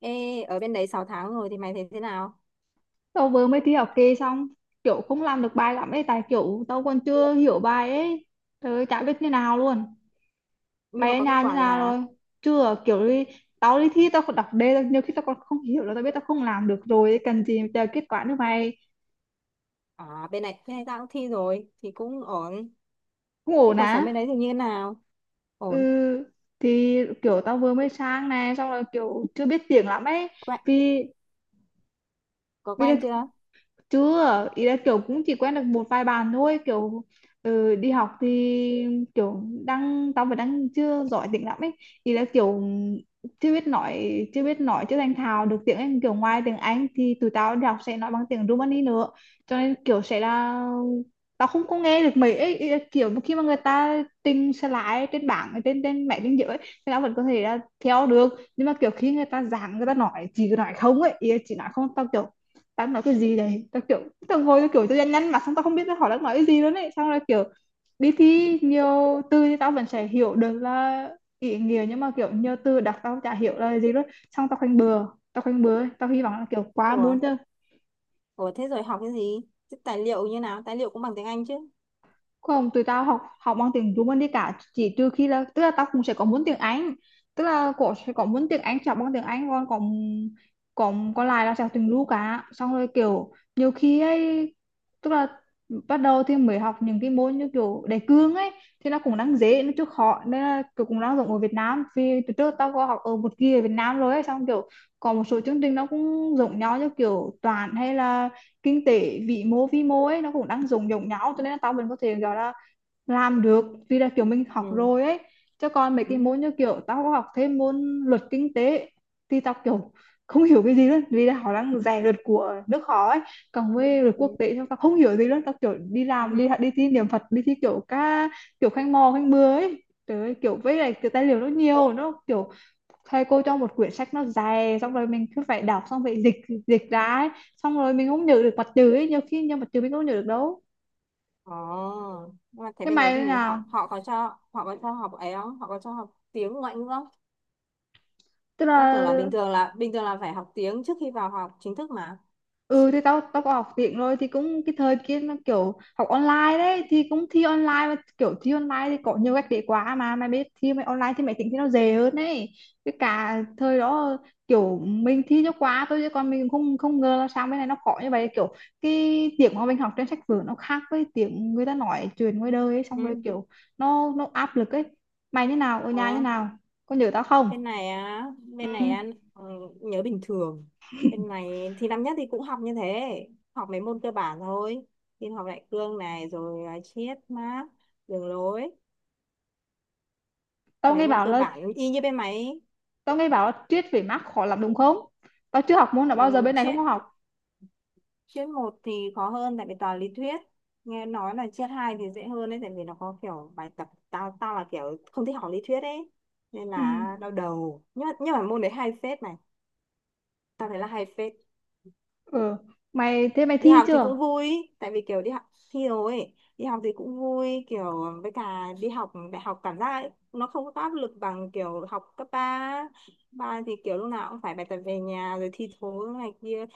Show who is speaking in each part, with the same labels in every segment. Speaker 1: Ê, ở bên đấy 6 tháng rồi thì mày thấy thế nào?
Speaker 2: Tao vừa mới thi học kỳ xong, kiểu không làm được bài lắm ấy, tại kiểu tao còn chưa hiểu bài ấy. Trời ơi, chả biết như nào luôn.
Speaker 1: Nhưng
Speaker 2: Mày
Speaker 1: mà
Speaker 2: ở
Speaker 1: có kết
Speaker 2: nhà như
Speaker 1: quả rồi
Speaker 2: nào
Speaker 1: hả?
Speaker 2: rồi? Chưa kiểu đi. Tao đi thi tao còn đọc đề nhiều khi tao còn không hiểu, là tao biết tao không làm được rồi ấy, cần gì chờ kết quả nữa mày.
Speaker 1: À, bên này tao cũng thi rồi, thì cũng ổn.
Speaker 2: Cũng
Speaker 1: Thế
Speaker 2: ổn
Speaker 1: cuộc sống bên
Speaker 2: á.
Speaker 1: đấy thì như thế nào?
Speaker 2: Ừ,
Speaker 1: Ổn.
Speaker 2: thì kiểu tao vừa mới sang này xong rồi kiểu chưa biết tiếng lắm ấy.
Speaker 1: Quen,
Speaker 2: vì
Speaker 1: có
Speaker 2: vì
Speaker 1: quen chưa?
Speaker 2: chưa, ý là kiểu cũng chỉ quen được một vài bạn thôi kiểu. Ừ, đi học thì kiểu đang tao vẫn đang chưa giỏi tiếng lắm ấy. Ý là kiểu chưa biết nói chưa thành thạo được tiếng Anh, kiểu ngoài tiếng Anh thì tụi tao đi học sẽ nói bằng tiếng Rumani nữa, cho nên kiểu sẽ là tao không có nghe được mấy ấy. Ý là kiểu khi mà người ta trình slide trên bảng, ở trên trên máy tính giữa ấy, thì tao vẫn có thể là theo được, nhưng mà kiểu khi người ta giảng, người ta nói chỉ nói không ấy, ý là chỉ nói không tao kiểu tao nói cái gì đấy tao kiểu tao ngồi tao kiểu tao nhăn mặt xong tao không biết tao hỏi đang nói cái gì nữa ấy, xong là kiểu đi thi nhiều từ thì tao vẫn sẽ hiểu được là ý nghĩa, nhưng mà kiểu nhiều từ đọc tao chả hiểu là gì luôn, xong tao khoanh bừa. Tao khoanh bừa tao hy vọng là kiểu quá
Speaker 1: Ủa,
Speaker 2: muốn chứ.
Speaker 1: ủa, thế rồi học cái gì? Thế tài liệu như nào? Tài liệu cũng bằng tiếng Anh chứ?
Speaker 2: Không, tụi tao học học bằng tiếng Trung Anh đi cả, chỉ trừ khi là, tức là tao cũng sẽ có muốn tiếng Anh, tức là cổ sẽ có muốn tiếng Anh sẽ học bằng tiếng Anh. Còn còn còn còn lại là sẽ học tiếng Lu cả, xong rồi kiểu nhiều khi ấy, tức là bắt đầu thì mới học những cái môn như kiểu đề cương ấy, thì nó cũng đang dễ, nó chưa khó, nên là kiểu cũng đang dùng ở Việt Nam, vì từ trước tao có học ở một kỳ ở Việt Nam rồi ấy, xong kiểu còn một số chương trình nó cũng giống nhau, như kiểu toán hay là kinh tế vĩ mô vi mô ấy, nó cũng đang dùng giống nhau cho nên là tao vẫn có thể gọi là làm được, vì là kiểu mình học
Speaker 1: Ừ.
Speaker 2: rồi ấy. Cho còn mấy cái
Speaker 1: Ừ.
Speaker 2: môn như kiểu tao có học thêm môn luật kinh tế thì tao kiểu không hiểu cái gì luôn, vì là họ đang rè luật của nước họ ấy. Còn với luật
Speaker 1: Ừ.
Speaker 2: quốc tế thì tao không hiểu gì luôn, tao kiểu đi làm, đi
Speaker 1: Ừ.
Speaker 2: đi thi niệm Phật, đi thi kiểu ca kiểu khanh mò khanh bừa ấy. Trời ơi, kiểu với lại cái tài liệu nó nhiều, nó kiểu thầy cô cho một quyển sách nó dày xong rồi mình cứ phải đọc xong phải dịch, dịch ra ấy. Xong rồi mình không nhớ được mặt chữ ấy, nhiều khi nhiều mặt chữ mình không nhớ được đâu.
Speaker 1: Ồ, nhưng mà thế
Speaker 2: Cái
Speaker 1: bên đấy
Speaker 2: mày thế
Speaker 1: thì
Speaker 2: nào?
Speaker 1: họ họ có cho học ấy không? Họ có cho học tiếng ngoại ngữ không?
Speaker 2: Tức
Speaker 1: Tao tưởng
Speaker 2: là
Speaker 1: là bình thường là phải học tiếng trước khi vào học chính thức mà.
Speaker 2: ừ, thì tao tao có học tiếng rồi, thì cũng cái thời kia nó kiểu học online đấy, thì cũng thi online, mà kiểu thi online thì có nhiều cách để quá mà mày biết, thi mày online thì mày tính thì nó dễ hơn đấy. Cái cả thời đó kiểu mình thi cho quá thôi, chứ còn mình không không ngờ là sao cái này nó khó như vậy. Kiểu cái tiếng mà mình học trên sách vở nó khác với tiếng người ta nói chuyện ngoài đời ấy, xong rồi
Speaker 1: Ừ.
Speaker 2: kiểu nó áp lực ấy. Mày như nào, ở nhà như
Speaker 1: Ờ.
Speaker 2: nào, có nhớ tao không?
Speaker 1: bên này á bên
Speaker 2: Ừ.
Speaker 1: này á ừ, nhớ bình thường. Bên này thì năm nhất thì cũng học như thế, học mấy môn cơ bản thôi: tin học đại cương này, rồi à, triết Mác, đường lối,
Speaker 2: Tao
Speaker 1: mấy
Speaker 2: nghe
Speaker 1: môn
Speaker 2: bảo
Speaker 1: cơ
Speaker 2: là,
Speaker 1: bản y như bên máy.
Speaker 2: tao nghe bảo là triết về Marx khó lắm đúng không? Tao chưa học môn nào
Speaker 1: Ừ,
Speaker 2: bao giờ, bên này không
Speaker 1: triết
Speaker 2: có học.
Speaker 1: triết một thì khó hơn tại vì toàn lý thuyết. Nghe nói là triết hai thì dễ hơn đấy, tại vì nó có kiểu bài tập. Tao tao là kiểu không thích học lý thuyết ấy, nên
Speaker 2: Ừ.
Speaker 1: là đau đầu. Nhưng mà môn đấy hay phết này, tao thấy là hay phết.
Speaker 2: Ừ. Mày thế mày
Speaker 1: Đi
Speaker 2: thi
Speaker 1: học thì cũng
Speaker 2: chưa?
Speaker 1: vui, tại vì kiểu đi học thi rồi ấy, đi học thì cũng vui kiểu. Với cả đi học đại học cảm giác ấy, nó không có áp lực bằng kiểu học cấp ba. Ba thì kiểu lúc nào cũng phải bài tập về nhà, rồi thi thố này kia.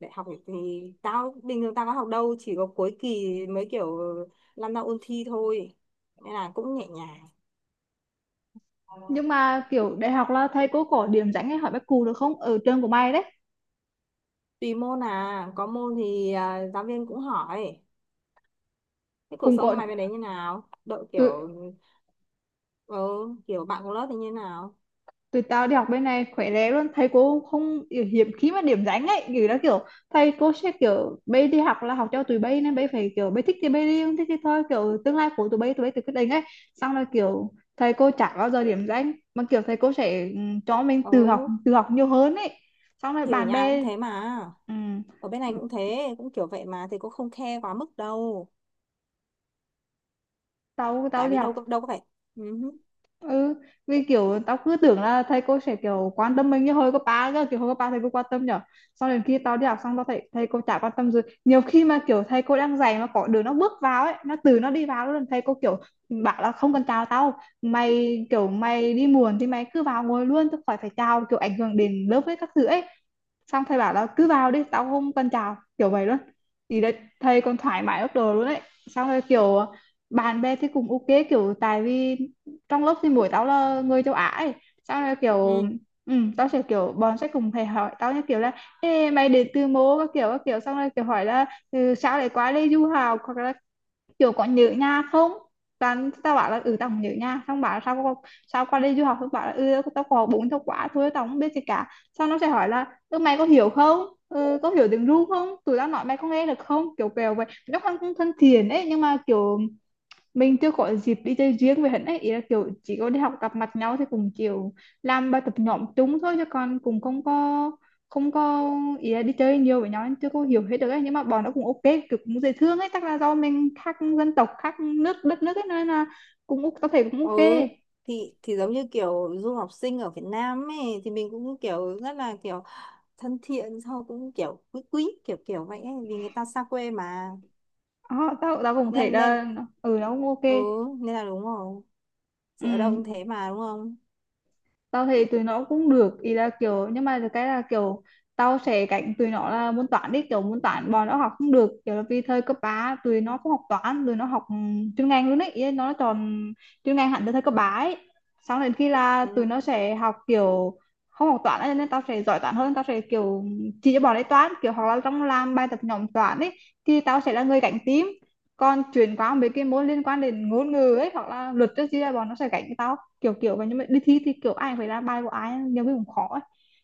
Speaker 1: Đại học thì tao bình thường tao có học đâu, chỉ có cuối kỳ mới kiểu lăn ra ôn thi thôi, nên là cũng nhẹ nhàng.
Speaker 2: Nhưng mà kiểu đại học là thầy cô có điểm danh hay hỏi bác cụ được không? Ở trường của mày đấy.
Speaker 1: Tùy môn à, có môn thì à, giáo viên cũng hỏi. Thế cuộc
Speaker 2: Cùng
Speaker 1: sống của
Speaker 2: có
Speaker 1: mày bên đấy như nào đội
Speaker 2: từ
Speaker 1: kiểu, ờ, kiểu bạn cùng lớp thì như nào?
Speaker 2: tụi tao đi học bên này khỏe lé luôn, thầy cô không kiểu hiếm khi mà điểm danh ấy, kiểu đó kiểu thầy cô sẽ kiểu bây đi học là học cho tụi bây, nên bây phải kiểu bây thích thì bây đi, không thích thì thôi, kiểu tương lai của tụi bây tự quyết định ấy. Xong rồi kiểu thầy cô chả bao giờ điểm danh, mà kiểu thầy cô sẽ, ừ, cho mình tự học,
Speaker 1: Ừ,
Speaker 2: tự học nhiều hơn ấy. Xong rồi
Speaker 1: thì ở
Speaker 2: bạn
Speaker 1: nhà cũng
Speaker 2: bè,
Speaker 1: thế mà.
Speaker 2: ừ,
Speaker 1: Ở bên này cũng thế, cũng kiểu vậy mà, thì cũng không khe quá mức đâu.
Speaker 2: tao tao
Speaker 1: Tại
Speaker 2: đi
Speaker 1: vì đâu
Speaker 2: học.
Speaker 1: có, đâu có phải. Ừ.
Speaker 2: Ừ, vì kiểu tao cứ tưởng là thầy cô sẽ kiểu quan tâm mình như hồi cấp ba cơ, kiểu hồi cấp ba thầy cô quan tâm nhở. Sau đến khi tao đi học xong, tao thấy thầy cô chả quan tâm gì, nhiều khi mà kiểu thầy cô đang dạy mà có đứa nó bước vào ấy, nó từ nó đi vào luôn, thầy cô kiểu bảo là không cần chào tao mày, kiểu mày đi muộn thì mày cứ vào ngồi luôn, tao khỏi phải chào, kiểu ảnh hưởng đến lớp với các thứ ấy. Xong thầy bảo là cứ vào đi, tao không cần chào, kiểu vậy luôn. Thì đấy, thầy còn thoải mái ốc đồ luôn đấy. Xong rồi kiểu bạn bè thì cũng ok, kiểu tại vì trong lớp thì buổi tao là người châu Á ấy. Sao là kiểu
Speaker 1: Ừ.
Speaker 2: ừ, tao sẽ kiểu bọn sẽ cùng thầy hỏi tao như kiểu là ê, mày đến từ mô các kiểu các kiểu, xong rồi kiểu hỏi là ừ, sao lại qua đây du học, hoặc là kiểu có nhớ nhà không. Toàn tao bảo là ừ tao không nhớ nhà, xong bảo là sao qua đây du học, xong bảo là ừ tao có 4 tháng quá thôi tao không biết gì cả. Xong nó sẽ hỏi là ừ, mày có hiểu không, ừ, có hiểu tiếng ru không, tụi tao nói mày có nghe được không, kiểu kiểu vậy. Nó không thân thiện ấy, nhưng mà kiểu mình chưa có dịp đi chơi riêng với hắn ấy, ý là kiểu chỉ có đi học gặp mặt nhau thì cùng kiểu làm bài tập nhóm chung thôi, chứ còn cùng không có ý là đi chơi nhiều với nhau, nên chưa có hiểu hết được ấy. Nhưng mà bọn nó cũng ok, kiểu cũng dễ thương ấy, chắc là do mình khác dân tộc khác nước đất nước ấy, nên là cũng tao thấy cũng
Speaker 1: Ừ.
Speaker 2: ok.
Speaker 1: Thì giống như kiểu du học sinh ở Việt Nam ấy, thì mình cũng kiểu rất là kiểu thân thiện, sau cũng kiểu quý quý kiểu kiểu vậy ấy, vì người ta xa quê mà.
Speaker 2: Ờ, tao tao cũng thấy
Speaker 1: Nên nên
Speaker 2: là ừ nó cũng ok.
Speaker 1: ừ, nên là đúng rồi.
Speaker 2: Ừ,
Speaker 1: Thì ở đâu cũng thế mà, đúng không?
Speaker 2: tao thấy tụi nó cũng được, ý là kiểu nhưng mà cái là kiểu tao sẽ cạnh tụi nó là môn toán đi, kiểu môn toán bọn nó học không được, kiểu là vì thời cấp 3 tụi nó không học toán, tụi nó học ừ, chuyên ngành luôn ấy, ý là nó chọn chuyên ngành hẳn từ thời cấp 3 ấy. Xong đến khi là tụi
Speaker 1: Ừ.
Speaker 2: nó sẽ học kiểu không học toán ấy, nên tao sẽ giỏi toán hơn, tao sẽ kiểu chỉ cho bọn ấy toán, kiểu hoặc là trong làm bài tập nhóm toán ấy thì tao sẽ là người cạnh tím. Còn chuyển qua mấy cái môn liên quan đến ngôn ngữ ấy hoặc là luật chứ, bọn nó sẽ cạnh tao kiểu kiểu vậy. Nhưng mà đi thi thì kiểu ai phải ra bài của ai nhiều khi cũng khó ấy.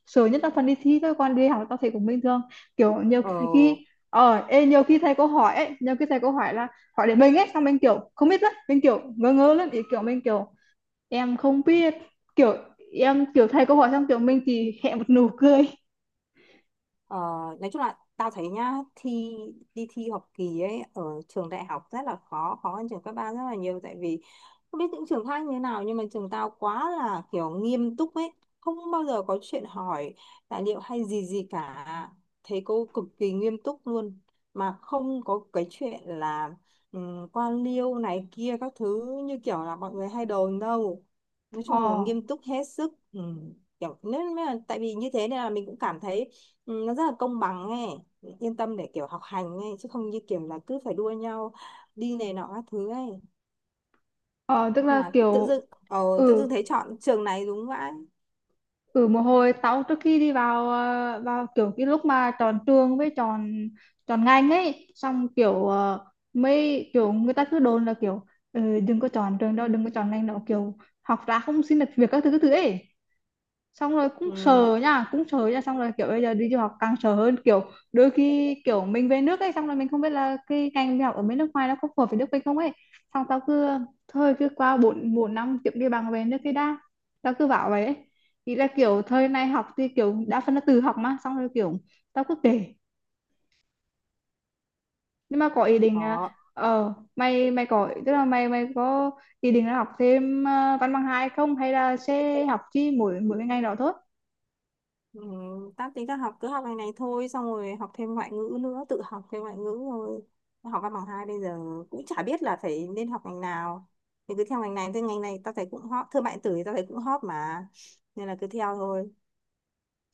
Speaker 2: Sợ nhất là phần đi thi thôi, còn đi học là tao thấy cũng bình thường. Kiểu nhiều
Speaker 1: Ừ.
Speaker 2: khi nhiều khi thầy cô hỏi ấy, nhiều khi thầy cô hỏi là hỏi để mình ấy, xong mình kiểu không biết lắm, mình kiểu ngơ ngơ lắm ý, kiểu mình kiểu em không biết, kiểu em kiểu thầy cô hỏi xong kiểu mình chỉ hẹ một nụ cười.
Speaker 1: Ờ, nói chung là tao thấy nhá, đi thi học kỳ ấy ở trường đại học rất là khó khó hơn trường cấp ba rất là nhiều. Tại vì không biết những trường khác như thế nào, nhưng mà trường tao quá là kiểu nghiêm túc ấy, không bao giờ có chuyện hỏi tài liệu hay gì gì cả, thầy cô cực kỳ nghiêm túc luôn, mà không có cái chuyện là quan liêu này kia các thứ như kiểu là mọi người hay đồn đâu. Nói
Speaker 2: ờ
Speaker 1: chung là nghiêm túc hết sức. Ừ, kiểu nên là tại vì như thế nên là mình cũng cảm thấy, ừ, nó rất là công bằng ấy, yên tâm để kiểu học hành ấy, chứ không như kiểu là cứ phải đua nhau đi này nọ các thứ ấy.
Speaker 2: ờ Tức là
Speaker 1: Mà tự
Speaker 2: kiểu
Speaker 1: dưng tự dưng
Speaker 2: ừ
Speaker 1: thấy chọn trường này đúng vậy.
Speaker 2: ừ một hồi tao trước khi đi vào vào kiểu cái lúc mà chọn trường với chọn chọn ngành ấy, xong kiểu mấy kiểu người ta cứ đồn là kiểu "Ừ, đừng có chọn trường đó, đừng có chọn ngành đó, kiểu học ra không xin được việc các thứ các thứ" ấy. Xong rồi cũng
Speaker 1: Ừ,
Speaker 2: sợ nha, cũng sợ nha, xong rồi kiểu bây giờ đi du học càng sợ hơn, kiểu đôi khi kiểu mình về nước ấy, xong rồi mình không biết là cái ngành mình học ở bên nước ngoài nó có phù hợp với nước mình không ấy. Xong tao cứ thôi cứ qua bốn bốn năm kiếm đi bằng về nước cái đã, tao cứ bảo vậy ấy. Ý là kiểu thời này học thì kiểu đa phần là tự học mà, xong rồi kiểu tao cứ kể nhưng mà có ý định là,
Speaker 1: có.
Speaker 2: mày mày có, tức là mày mày có ý định là học thêm văn bằng hai không, hay là sẽ học chỉ mỗi mỗi cái ngành đó thôi?
Speaker 1: Ừ, tao tính tao học cứ học này này thôi, xong rồi học thêm ngoại ngữ nữa, tự học thêm ngoại ngữ rồi. Tao học văn bằng hai bây giờ cũng chả biết là phải nên học ngành nào, thì cứ theo ngành này, thì ngành này tao thấy cũng hot, thương mại điện tử thì tao thấy cũng hot mà, nên là cứ theo thôi.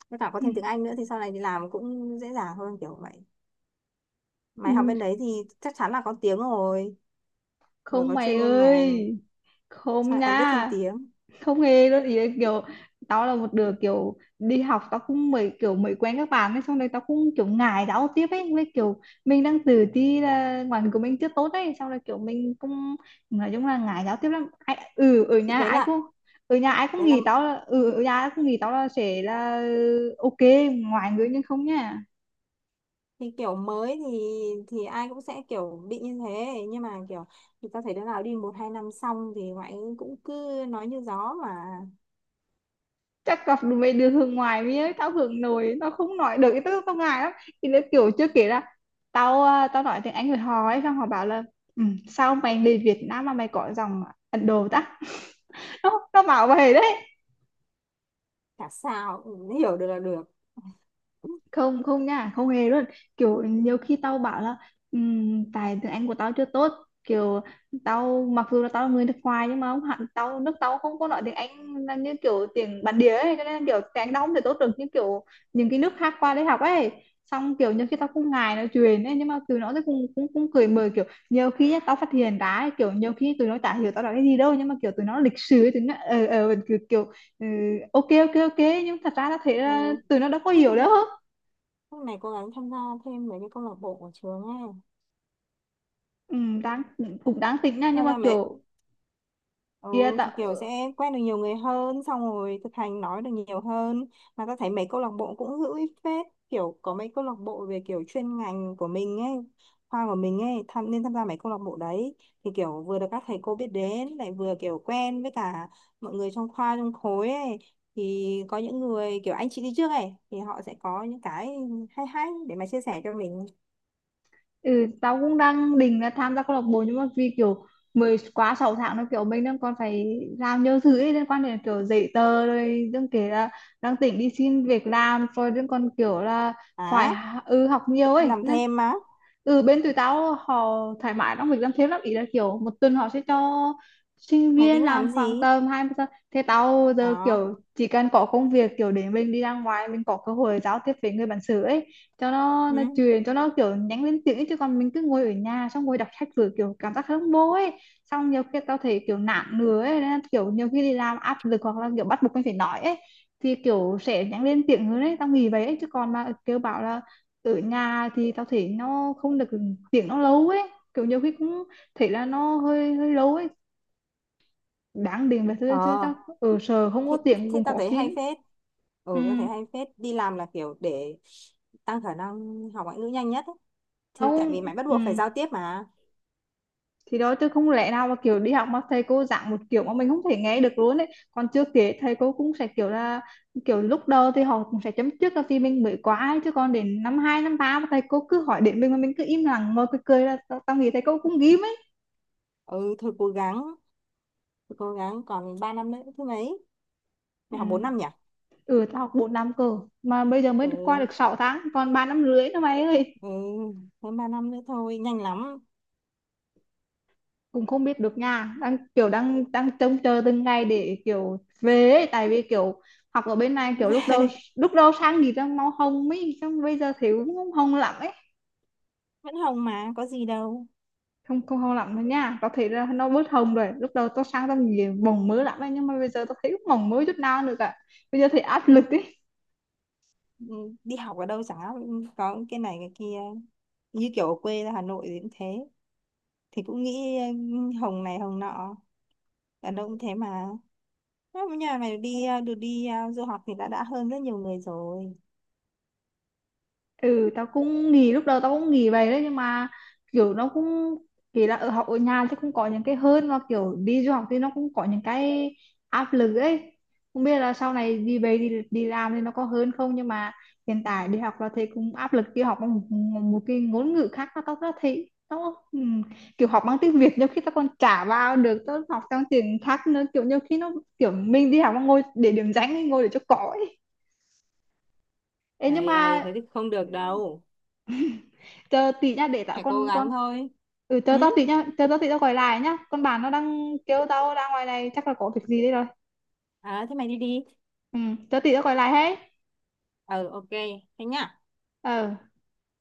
Speaker 1: Với cả có
Speaker 2: Ừ.
Speaker 1: thêm tiếng Anh nữa thì sau này đi làm cũng dễ dàng hơn kiểu vậy. Mày học
Speaker 2: Ừ.
Speaker 1: bên đấy thì chắc chắn là có tiếng rồi, vừa
Speaker 2: Không
Speaker 1: có
Speaker 2: mày
Speaker 1: chuyên môn ngành,
Speaker 2: ơi,
Speaker 1: sao
Speaker 2: không
Speaker 1: lại còn biết thêm
Speaker 2: nha,
Speaker 1: tiếng.
Speaker 2: không hề luôn. Ý là kiểu tao là một đứa kiểu đi học, tao cũng mới kiểu mới quen các bạn ấy, xong rồi tao cũng kiểu ngại giao tiếp ấy, với kiểu mình đang tự ti là ngoại của mình chưa tốt ấy, xong rồi kiểu mình cũng nói chung là ngại giao tiếp lắm. Ai, ừ ở
Speaker 1: Thì
Speaker 2: nhà
Speaker 1: đấy
Speaker 2: ai
Speaker 1: là
Speaker 2: cũng ở nhà ai cũng
Speaker 1: đấy là
Speaker 2: nghĩ tao là ừ ở nhà ai cũng nghĩ tao là sẽ là ok ngoại ngữ, nhưng không nha.
Speaker 1: thì kiểu mới, thì ai cũng sẽ kiểu bị như thế, nhưng mà kiểu thì tao thấy đứa nào đi một hai năm xong thì ngoại ngữ cũng cứ nói như gió mà.
Speaker 2: Chắc gặp được mấy đứa hướng ngoài với tao hướng nội, nó không nói được cái tức tao ngại lắm. Thì nó kiểu chưa kể là tao tao nói tiếng Anh với họ ấy, xong họ bảo là "Ừ, sao mày đi Việt Nam mà mày có dòng Ấn Độ ta?" Nó bảo vậy đấy.
Speaker 1: Chả sao, cũng hiểu được là được.
Speaker 2: Không không nha, không hề luôn. Kiểu nhiều khi tao bảo là tại tiếng Anh của tao chưa tốt, kiểu tao mặc dù là tao là người nước ngoài nhưng mà không hẳn, tao nước tao không có nói tiếng Anh là như kiểu tiếng bản địa ấy, cho nên là kiểu tiếng Anh tao không thể tốt được như kiểu những cái nước khác qua đây học ấy". Xong kiểu nhiều khi tao cũng ngại nói chuyện ấy, nhưng mà tụi nó thì cũng cũng cũng cười mời kiểu, nhiều khi nhá, tao phát hiện ra ấy, kiểu nhiều khi tụi nó chả hiểu tao nói cái gì đâu, nhưng mà kiểu tụi nó lịch sự ấy, tụi nó kiểu, kiểu ừ, ok ok ok, nhưng thật ra tao thấy
Speaker 1: Ừ.
Speaker 2: là tụi nó đâu có
Speaker 1: Thế
Speaker 2: hiểu
Speaker 1: thì
Speaker 2: đâu.
Speaker 1: mẹ lúc này cố gắng tham gia thêm mấy cái câu lạc bộ của trường ấy,
Speaker 2: Ừ, đang cũng đang tính nha, nhưng
Speaker 1: tham
Speaker 2: mà
Speaker 1: gia mấy.
Speaker 2: kiểu kia
Speaker 1: Ừ thì
Speaker 2: tao
Speaker 1: kiểu sẽ quen được nhiều người hơn, xong rồi thực hành nói được nhiều hơn. Mà ta thấy mấy câu lạc bộ cũng hữu ích phết, kiểu có mấy câu lạc bộ về kiểu chuyên ngành của mình ấy, khoa của mình ấy, tham nên tham gia mấy câu lạc bộ đấy, thì kiểu vừa được các thầy cô biết đến, lại vừa kiểu quen với cả mọi người trong khoa trong khối ấy, thì có những người kiểu anh chị đi trước ấy thì họ sẽ có những cái hay hay để mà chia sẻ cho mình.
Speaker 2: ừ, tao cũng đang định là tham gia câu lạc bộ, nhưng mà vì kiểu mới quá 6 tháng, nó kiểu mình đang còn phải làm nhiều thứ ấy, liên quan đến kiểu giấy tờ, rồi đừng kể là đang tính đi xin việc làm, rồi đừng còn kiểu là phải
Speaker 1: À,
Speaker 2: ừ, học nhiều ấy.
Speaker 1: làm thêm á?
Speaker 2: Ừ bên tụi tao họ thoải mái trong việc làm thêm lắm, ý là kiểu một tuần họ sẽ cho sinh
Speaker 1: Mày
Speaker 2: viên
Speaker 1: tính
Speaker 2: làm
Speaker 1: làm
Speaker 2: khoảng
Speaker 1: gì?
Speaker 2: tầm 20 giờ. Thế tao giờ
Speaker 1: Ờ.
Speaker 2: kiểu chỉ cần có công việc kiểu để mình đi ra ngoài, mình có cơ hội giao tiếp với người bản xứ ấy, cho nó
Speaker 1: Ừ.
Speaker 2: truyền cho nó, kiểu nhắn lên tiếng ấy. Chứ còn mình cứ ngồi ở nhà xong ngồi đọc sách vừa kiểu cảm giác không vô ấy. Xong nhiều khi tao thấy kiểu nản nữa ấy, nên là kiểu nhiều khi đi làm áp lực hoặc là kiểu bắt buộc mình phải nói ấy, thì kiểu sẽ nhắn lên tiếng hơn ấy, tao nghĩ vậy ấy. Chứ còn mà kêu bảo là ở nhà thì tao thấy nó không được, tiếng nó lâu ấy, kiểu nhiều khi cũng thấy là nó hơi hơi lâu ấy, đáng điện về thôi. Chứ
Speaker 1: Ờ,
Speaker 2: tao ở sở không
Speaker 1: thì,
Speaker 2: có tiếng
Speaker 1: thì
Speaker 2: cũng
Speaker 1: tao
Speaker 2: khó
Speaker 1: thấy hay
Speaker 2: xin.
Speaker 1: phết.
Speaker 2: Ừ
Speaker 1: Ừ, tao thấy hay phết, đi làm là kiểu để tăng khả năng học ngoại ngữ nhanh nhất ấy, thì
Speaker 2: tao
Speaker 1: tại vì mày bắt
Speaker 2: ừ
Speaker 1: buộc phải giao tiếp mà.
Speaker 2: thì đó, chứ không lẽ nào mà kiểu đi học mà thầy cô giảng một kiểu mà mình không thể nghe được luôn ấy. Còn chưa kể thầy cô cũng sẽ kiểu là kiểu lúc đầu thì họ cũng sẽ chấm trước là vì mình mới quá ấy, chứ còn đến năm hai năm ba mà thầy cô cứ hỏi đến mình mà mình cứ im lặng ngồi cười cười là tao nghĩ thầy cô cũng ghim ấy.
Speaker 1: Ừ, thôi cố gắng, thôi cố gắng, còn 3 năm nữa thứ mấy?
Speaker 2: Ừ
Speaker 1: Mày học 4 năm nhỉ?
Speaker 2: ừ tao học 4 năm cơ, mà bây giờ mới được qua
Speaker 1: Ừ.
Speaker 2: được 6 tháng, còn 3 năm rưỡi nữa mày ơi.
Speaker 1: Ừ. Hơn 3 năm nữa thôi, nhanh lắm.
Speaker 2: Cũng không biết được, nhà đang kiểu đang đang trông chờ từng ngày để kiểu về ấy. Tại vì kiểu học ở bên này kiểu lúc đầu sang thì đang mau hồng ấy, xong bây giờ thì cũng không hồng lắm ấy.
Speaker 1: Vẫn hồng mà có gì đâu.
Speaker 2: Không không hồng lắm đâu nha, có thể là nó bớt hồng rồi, lúc đầu tao sang tao nhìn bồng mới lắm ấy, nhưng mà bây giờ tao thấy cũng bồng mới chút nào nữa cả, bây giờ thì áp lực ấy.
Speaker 1: Ừ, đi học ở đâu chẳng có cái này cái kia, như kiểu ở quê ra Hà Nội thì cũng thế, thì cũng nghĩ ừ, hồng này hồng nọ, đàn ông cũng thế mà. Nếu mà nhà mày được đi du học thì đã hơn rất nhiều người rồi.
Speaker 2: Ừ tao cũng nghỉ, lúc đầu tao cũng nghỉ vậy đấy, nhưng mà kiểu nó cũng kỳ là ở học ở nhà chứ cũng có những cái hơn, mà kiểu đi du học thì nó cũng có những cái áp lực ấy, không biết là sau này đi về đi đi làm thì nó có hơn không. Nhưng mà hiện tại đi học là thấy cũng áp lực, đi học bằng một cái ngôn ngữ khác, nó tao nó thấy nó kiểu học bằng tiếng Việt nhiều khi tao còn chả vào được, tao học trong tiếng khác nữa kiểu nhiều khi nó kiểu mình đi học mà ngồi để điểm danh ấy, ngồi để cho có ấy. Ê, nhưng
Speaker 1: Ấy ấy
Speaker 2: mà
Speaker 1: thế thì không được đâu,
Speaker 2: chờ tí nha, để tao
Speaker 1: hãy cố
Speaker 2: con.
Speaker 1: gắng thôi.
Speaker 2: Ừ chờ
Speaker 1: Ừ?
Speaker 2: tao tí nhá, chờ tao tí tao gọi lại nhá, con bạn nó đang kêu tao ra ngoài này chắc là có việc gì đấy rồi.
Speaker 1: À, thế mày đi đi.
Speaker 2: Ừ chờ tí tao gọi lại hết.
Speaker 1: Ờ, ok. Thế nhá.
Speaker 2: Ừ.